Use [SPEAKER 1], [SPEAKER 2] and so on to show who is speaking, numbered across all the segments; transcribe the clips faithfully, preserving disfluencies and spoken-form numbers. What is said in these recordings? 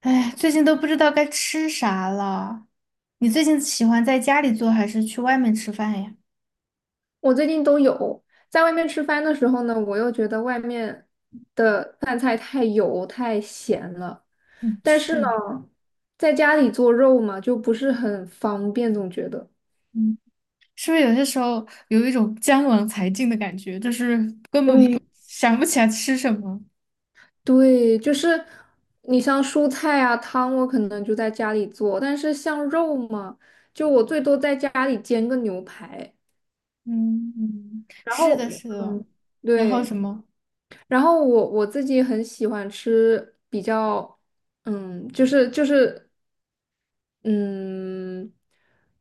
[SPEAKER 1] 哎，最近都不知道该吃啥了。你最近喜欢在家里做还是去外面吃饭呀？
[SPEAKER 2] 我最近都有，在外面吃饭的时候呢，我又觉得外面的饭菜太油太咸了，
[SPEAKER 1] 嗯，
[SPEAKER 2] 但是呢，
[SPEAKER 1] 是，
[SPEAKER 2] 在家里做肉嘛，就不是很方便，总觉得。
[SPEAKER 1] 嗯，是不是有些时候有一种江郎才尽的感觉，就是根本不
[SPEAKER 2] 对，
[SPEAKER 1] 想不起来吃什么？
[SPEAKER 2] 对，就是你像蔬菜啊、汤，我可能就在家里做，但是像肉嘛，就我最多在家里煎个牛排，
[SPEAKER 1] 嗯嗯，
[SPEAKER 2] 然
[SPEAKER 1] 是
[SPEAKER 2] 后
[SPEAKER 1] 的，是的。
[SPEAKER 2] 嗯，
[SPEAKER 1] 然后
[SPEAKER 2] 对，
[SPEAKER 1] 什么？
[SPEAKER 2] 然后我我自己很喜欢吃比较，嗯，就是就是。嗯，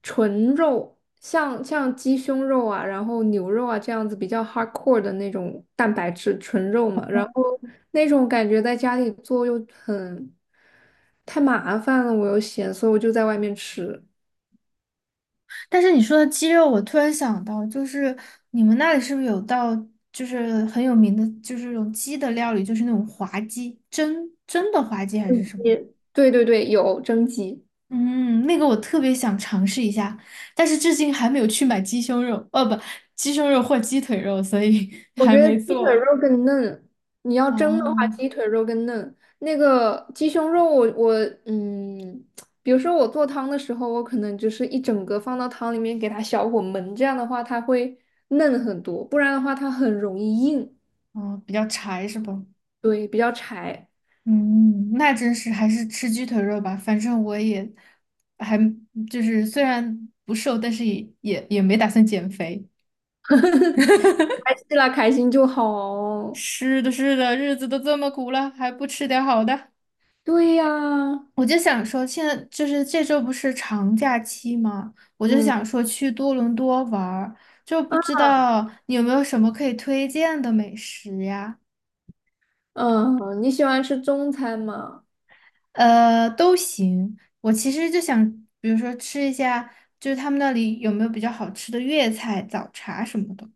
[SPEAKER 2] 纯肉，像像鸡胸肉啊，然后牛肉啊这样子比较 hardcore 的那种蛋白质纯肉嘛，然后那种感觉在家里做又很太麻烦了，我又嫌，所以我就在外面吃。
[SPEAKER 1] 但是你说的鸡肉，我突然想到，就是你们那里是不是有道就是很有名的，就是那种鸡的料理，就是那种滑鸡，蒸蒸的滑鸡还是
[SPEAKER 2] 嗯，
[SPEAKER 1] 什么？
[SPEAKER 2] 也对对对，有蒸鸡。
[SPEAKER 1] 嗯，那个我特别想尝试一下，但是至今还没有去买鸡胸肉，哦不，鸡胸肉或鸡腿肉，所以
[SPEAKER 2] 我
[SPEAKER 1] 还
[SPEAKER 2] 觉得
[SPEAKER 1] 没
[SPEAKER 2] 鸡腿
[SPEAKER 1] 做。
[SPEAKER 2] 肉更嫩，你要蒸的话，
[SPEAKER 1] 哦
[SPEAKER 2] 鸡腿肉更嫩。那个鸡胸肉我，我嗯，比如说我做汤的时候，我可能就是一整个放到汤里面给它小火焖，这样的话它会嫩很多，不然的话它很容易硬，
[SPEAKER 1] 哦，比较柴是吧？
[SPEAKER 2] 对，比较柴。
[SPEAKER 1] 嗯，那真是还是吃鸡腿肉吧，反正我也还就是虽然不瘦，但是也也也没打算减肥。
[SPEAKER 2] 开心啦，开心就好。
[SPEAKER 1] 是的，是的，日子都这么苦了，还不吃点好的。
[SPEAKER 2] 对呀，
[SPEAKER 1] 我就想说，现在就是这周不是长假期吗？我就
[SPEAKER 2] 嗯，
[SPEAKER 1] 想说去多伦多玩儿，就不知道你有没有什么可以推荐的美食呀？
[SPEAKER 2] 嗯，你喜欢吃中餐吗？
[SPEAKER 1] 呃，都行。我其实就想，比如说吃一下，就是他们那里有没有比较好吃的粤菜、早茶什么的。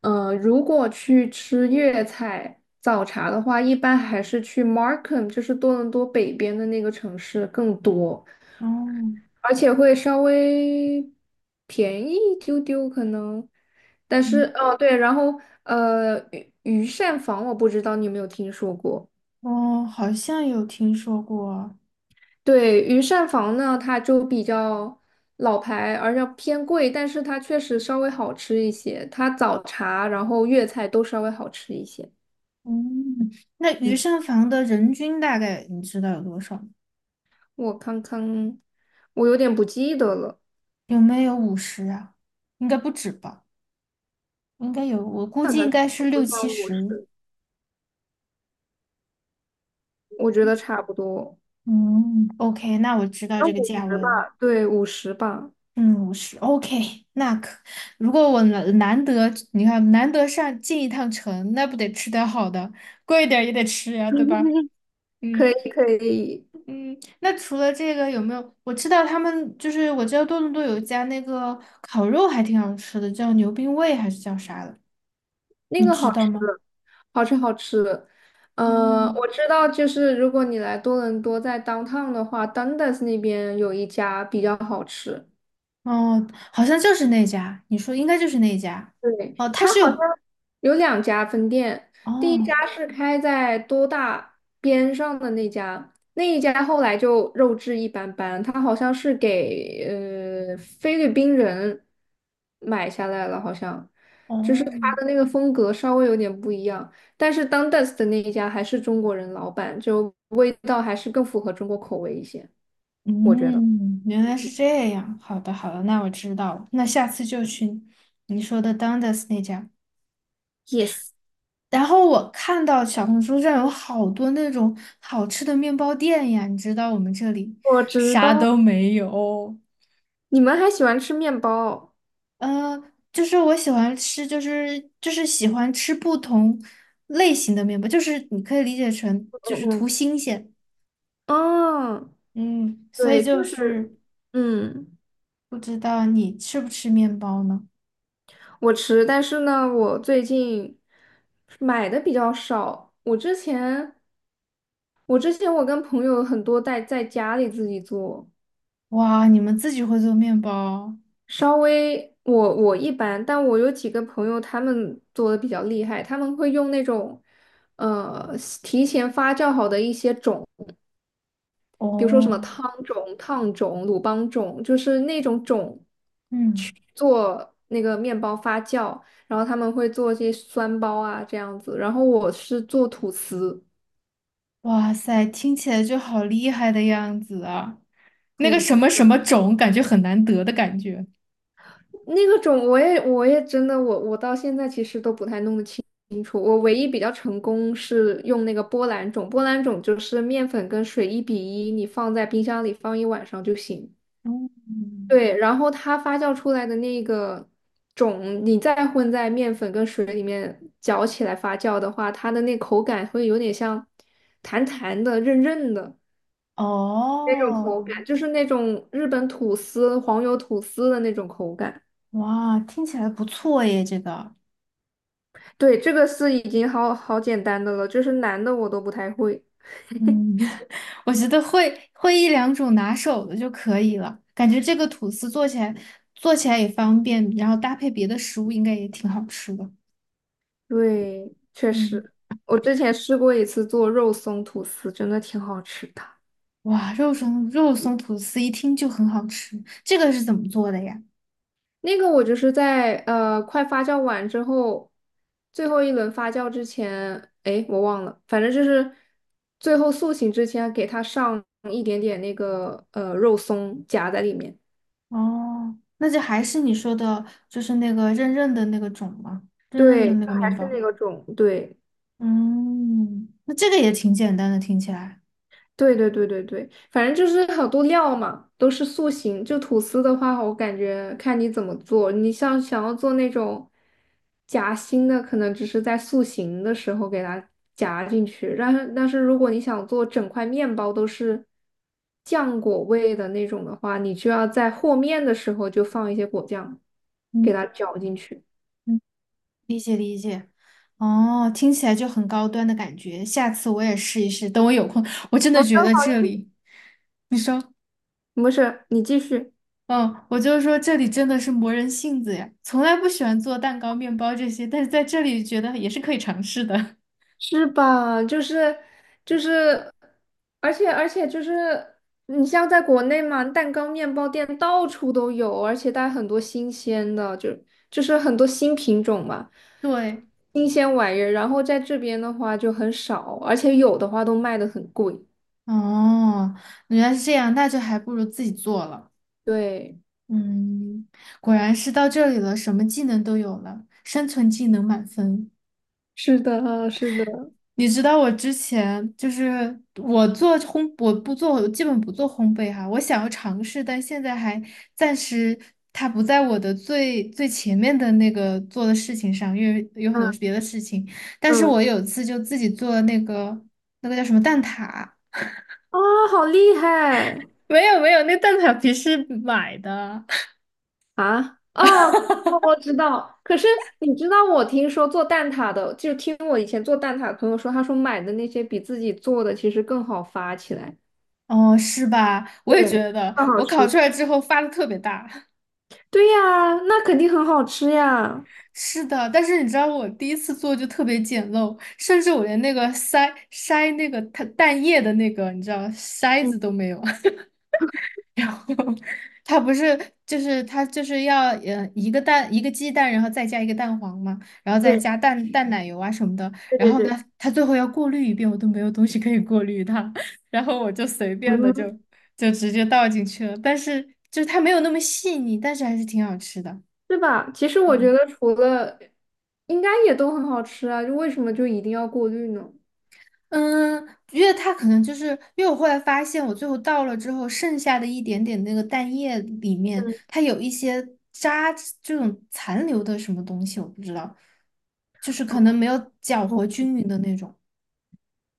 [SPEAKER 2] 呃，如果去吃粤菜早茶的话，一般还是去 Markham，就是多伦多北边的那个城市更多，
[SPEAKER 1] 哦，
[SPEAKER 2] 而且会稍微便宜一丢丢可能。但是
[SPEAKER 1] 嗯，
[SPEAKER 2] 哦，对，然后呃，御御膳房我不知道你有没有听说过。
[SPEAKER 1] 哦，好像有听说过。
[SPEAKER 2] 对，御膳房呢，它就比较老牌，而且偏贵，但是它确实稍微好吃一些。它早茶，然后粤菜都稍微好吃一些。
[SPEAKER 1] 嗯，那鱼
[SPEAKER 2] 嗯。
[SPEAKER 1] 膳房的人均大概你知道有多少吗？
[SPEAKER 2] 我看看，我有点不记得了，
[SPEAKER 1] 有没有五十啊？应该不止吧。应该有，我估
[SPEAKER 2] 看
[SPEAKER 1] 计应
[SPEAKER 2] 看，
[SPEAKER 1] 该是六
[SPEAKER 2] 我想
[SPEAKER 1] 七
[SPEAKER 2] 五
[SPEAKER 1] 十。
[SPEAKER 2] 十，我觉得差不多，
[SPEAKER 1] 嗯，OK，那我知道
[SPEAKER 2] 那
[SPEAKER 1] 这个
[SPEAKER 2] 五
[SPEAKER 1] 价
[SPEAKER 2] 十
[SPEAKER 1] 位了。
[SPEAKER 2] 吧。对，五十吧。
[SPEAKER 1] 嗯，五十，OK，那可，如果我难难得，你看难得上进一趟城，那不得吃点好的，贵一点儿也得吃呀，对吧？
[SPEAKER 2] 可
[SPEAKER 1] 嗯
[SPEAKER 2] 以可以，
[SPEAKER 1] 嗯，那除了这个有没有？我知道他们就是我知道多伦多有一家那个烤肉还挺好吃的，叫牛冰味还是叫啥的，
[SPEAKER 2] 那
[SPEAKER 1] 你
[SPEAKER 2] 个
[SPEAKER 1] 知
[SPEAKER 2] 好
[SPEAKER 1] 道
[SPEAKER 2] 吃，
[SPEAKER 1] 吗？
[SPEAKER 2] 好吃好吃。呃，
[SPEAKER 1] 嗯，
[SPEAKER 2] 我知道，就是如果你来多伦多，在 downtown 的话，Dundas 那边有一家比较好吃。
[SPEAKER 1] 哦，好像就是那家，你说应该就是那家。
[SPEAKER 2] 对，
[SPEAKER 1] 哦，它
[SPEAKER 2] 它
[SPEAKER 1] 是
[SPEAKER 2] 好像
[SPEAKER 1] 有
[SPEAKER 2] 有两家分店，第一
[SPEAKER 1] 哦
[SPEAKER 2] 家是开在多大边上的那家，那一家后来就肉质一般般，它好像是给呃菲律宾人买下来了，好像就是它
[SPEAKER 1] 哦，
[SPEAKER 2] 的那个风格稍微有点不一样，但是 Dundas 的那一家还是中国人老板，就味道还是更符合中国口味一些，我觉得。
[SPEAKER 1] 嗯，原来是这样。好的，好的，那我知道了。那下次就去你说的 Dundas 那家。
[SPEAKER 2] Yes，
[SPEAKER 1] 然后我看到小红书上有好多那种好吃的面包店呀，你知道我们这里
[SPEAKER 2] 我知
[SPEAKER 1] 啥
[SPEAKER 2] 道，
[SPEAKER 1] 都没有。
[SPEAKER 2] 你们还喜欢吃面包。
[SPEAKER 1] 呃，就是我喜欢吃，就是就是喜欢吃不同类型的面包，就是你可以理解成就
[SPEAKER 2] 嗯
[SPEAKER 1] 是图
[SPEAKER 2] 嗯，
[SPEAKER 1] 新鲜。
[SPEAKER 2] 哦，
[SPEAKER 1] 嗯，所以
[SPEAKER 2] 对，
[SPEAKER 1] 就
[SPEAKER 2] 就是
[SPEAKER 1] 是
[SPEAKER 2] 嗯，
[SPEAKER 1] 不知道你吃不吃面包呢？
[SPEAKER 2] 我吃，但是呢，我最近买的比较少。我之前，我之前我跟朋友很多在在家里自己做，
[SPEAKER 1] 哇，你们自己会做面包？
[SPEAKER 2] 稍微我我一般，但我有几个朋友他们做的比较厉害，他们会用那种呃提前发酵好的一些种，比如说什么
[SPEAKER 1] 哦，
[SPEAKER 2] 汤种、烫种、鲁邦种，就是那种种。
[SPEAKER 1] 嗯，
[SPEAKER 2] 做那个面包发酵，然后他们会做一些酸包啊这样子，然后我是做吐司，
[SPEAKER 1] 哇塞，听起来就好厉害的样子啊！那个
[SPEAKER 2] 吐
[SPEAKER 1] 什
[SPEAKER 2] 司
[SPEAKER 1] 么什么种，感觉很难得的感觉。
[SPEAKER 2] 那个种我也我也真的我我到现在其实都不太弄得清清楚，我唯一比较成功是用那个波兰种，波兰种就是面粉跟水一比一，你放在冰箱里放一晚上就行。
[SPEAKER 1] 嗯，
[SPEAKER 2] 对，然后它发酵出来的那个种，你再混在面粉跟水里面搅起来发酵的话，它的那口感会有点像弹弹的、韧韧的那种口
[SPEAKER 1] 哦，
[SPEAKER 2] 感，就是那种日本吐司、黄油吐司的那种口感。
[SPEAKER 1] 哇，听起来不错耶，这个，
[SPEAKER 2] 对，这个是已经好好简单的了，就是难的我都不太会。
[SPEAKER 1] 嗯，我觉得会会一两种拿手的就可以了，感觉这个吐司做起来做起来也方便，然后搭配别的食物应该也挺好吃的。
[SPEAKER 2] 对，确
[SPEAKER 1] 嗯。
[SPEAKER 2] 实，我之前试过一次做肉松吐司，真的挺好吃的。
[SPEAKER 1] 哇，肉松肉松吐司一听就很好吃，这个是怎么做的呀？
[SPEAKER 2] 那个我就是在呃快发酵完之后，最后一轮发酵之前，哎，我忘了，反正就是最后塑形之前给它上一点点那个呃肉松夹在里面。
[SPEAKER 1] 哦，那就还是你说的，就是那个韧韧的那个种吗？韧韧的
[SPEAKER 2] 对，
[SPEAKER 1] 那个
[SPEAKER 2] 还
[SPEAKER 1] 面包
[SPEAKER 2] 是那
[SPEAKER 1] 吗。
[SPEAKER 2] 个种，对。
[SPEAKER 1] 嗯，那这个也挺简单的，听起来。
[SPEAKER 2] 对对对对对，反正就是好多料嘛，都是塑形。就吐司的话，我感觉看你怎么做。你像想要做那种夹心的，可能只是在塑形的时候给它夹进去。但是但是如果你想做整块面包都是酱果味的那种的话，你就要在和面的时候就放一些果酱，
[SPEAKER 1] 嗯
[SPEAKER 2] 给它搅进去。
[SPEAKER 1] 嗯，哦，听起来就很高端的感觉。下次我也试一试，等我有空，我真的觉得这里，
[SPEAKER 2] 没事，你继续。
[SPEAKER 1] 嗯，我就说这里真的是磨人性子呀，从来不喜欢做蛋糕、面包这些，但是在这里觉得也是可以尝试的。
[SPEAKER 2] 是吧？就是就是，而且而且就是，你像在国内嘛，蛋糕、面包店到处都有，而且它很多新鲜的，就就是很多新品种嘛，
[SPEAKER 1] 对。
[SPEAKER 2] 新鲜玩意儿。然后在这边的话就很少，而且有的话都卖的很贵。
[SPEAKER 1] 哦，原来是这样，那就还不如自己做了。
[SPEAKER 2] 对，
[SPEAKER 1] 嗯，果然是到这里了，什么技能都有了，生存技能满分。
[SPEAKER 2] 是的，是的，
[SPEAKER 1] 你知道我之前就是我做烘，我不做，我基本不做烘焙哈，我想要尝试，但现在还暂时它不在我的最最前面的那个做的事情上，因为有很
[SPEAKER 2] 嗯
[SPEAKER 1] 多别的事情。但是
[SPEAKER 2] 嗯，
[SPEAKER 1] 我有一次就自己做了那个那个叫什么蛋挞，
[SPEAKER 2] 啊，好厉害！
[SPEAKER 1] 没有没有，那蛋挞皮是买的。
[SPEAKER 2] 啊，哦，哦我知道。可是你知道，我听说做蛋挞的，就听我以前做蛋挞的朋友说，他说买的那些比自己做的其实更好发起来。
[SPEAKER 1] 哦，是吧？我也
[SPEAKER 2] 对，
[SPEAKER 1] 觉得，
[SPEAKER 2] 更好
[SPEAKER 1] 我
[SPEAKER 2] 吃。
[SPEAKER 1] 烤出来之后发的特别大。
[SPEAKER 2] 对呀，那肯定很好吃呀，
[SPEAKER 1] 是的，但是你知道我第一次做就特别简陋，甚至我连那个筛筛那个它蛋液的那个，你知道筛
[SPEAKER 2] 嗯，
[SPEAKER 1] 子都没有。然后它不是就是它就是要呃一个蛋一个鸡蛋，然后再加一个蛋黄嘛，然后再
[SPEAKER 2] 对
[SPEAKER 1] 加蛋蛋奶油啊什么的，
[SPEAKER 2] 对
[SPEAKER 1] 然
[SPEAKER 2] 对
[SPEAKER 1] 后
[SPEAKER 2] 对，
[SPEAKER 1] 呢，它最后要过滤一遍，我都没有东西可以过滤它，然后我就随便的就
[SPEAKER 2] 嗯，
[SPEAKER 1] 就直接倒进去了，但是就是它没有那么细腻，但是还是挺好吃的。
[SPEAKER 2] 对吧？其实我觉
[SPEAKER 1] 嗯
[SPEAKER 2] 得除了应该也都很好吃啊，就为什么就一定要过滤呢？
[SPEAKER 1] 嗯，因为它可能就是因为我后来发现，我最后倒了之后，剩下的一点点那个蛋液里面，
[SPEAKER 2] 嗯，
[SPEAKER 1] 它有一些渣这种残留的什么东西，我不知道，就是可
[SPEAKER 2] 哦，
[SPEAKER 1] 能没有搅和均匀的那种。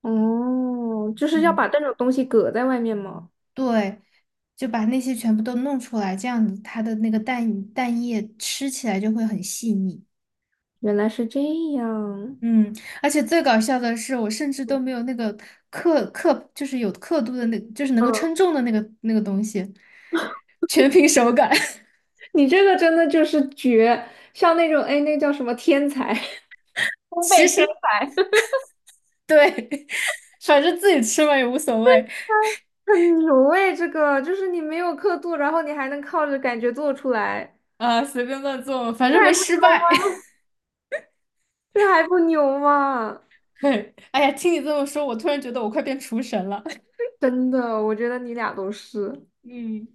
[SPEAKER 2] 哦，就是要
[SPEAKER 1] 嗯，
[SPEAKER 2] 把这种东西搁在外面吗？
[SPEAKER 1] 对，就把那些全部都弄出来，这样子它的那个蛋蛋液吃起来就会很细腻。
[SPEAKER 2] 原来是这样。
[SPEAKER 1] 嗯，而且最搞笑的是，我甚至都没有那个刻刻，就是有刻度的那，就是能够称
[SPEAKER 2] 嗯。
[SPEAKER 1] 重的那个那个东西。全凭手感。
[SPEAKER 2] 你这个真的就是绝，像那种哎，那叫什么天才，烘
[SPEAKER 1] 其
[SPEAKER 2] 焙天
[SPEAKER 1] 实
[SPEAKER 2] 才，
[SPEAKER 1] 对，反正自己吃嘛也无所谓
[SPEAKER 2] 很牛哎，这个就是你没有刻度，然后你还能靠着感觉做出来，
[SPEAKER 1] 啊，随便乱做，反
[SPEAKER 2] 这
[SPEAKER 1] 正
[SPEAKER 2] 还
[SPEAKER 1] 没
[SPEAKER 2] 不
[SPEAKER 1] 失
[SPEAKER 2] 牛
[SPEAKER 1] 败。
[SPEAKER 2] 吗？这还不牛吗？
[SPEAKER 1] 哎呀，听你这么说，我突然觉得我快变厨神了。
[SPEAKER 2] 真的，我觉得你俩都是。
[SPEAKER 1] 嗯，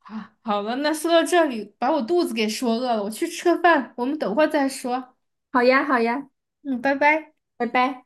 [SPEAKER 1] 啊，好了，那说到这里，把我肚子给说饿了，我去吃个饭，我们等会儿再说。
[SPEAKER 2] 好呀，好呀，
[SPEAKER 1] 嗯，拜拜。
[SPEAKER 2] 拜拜。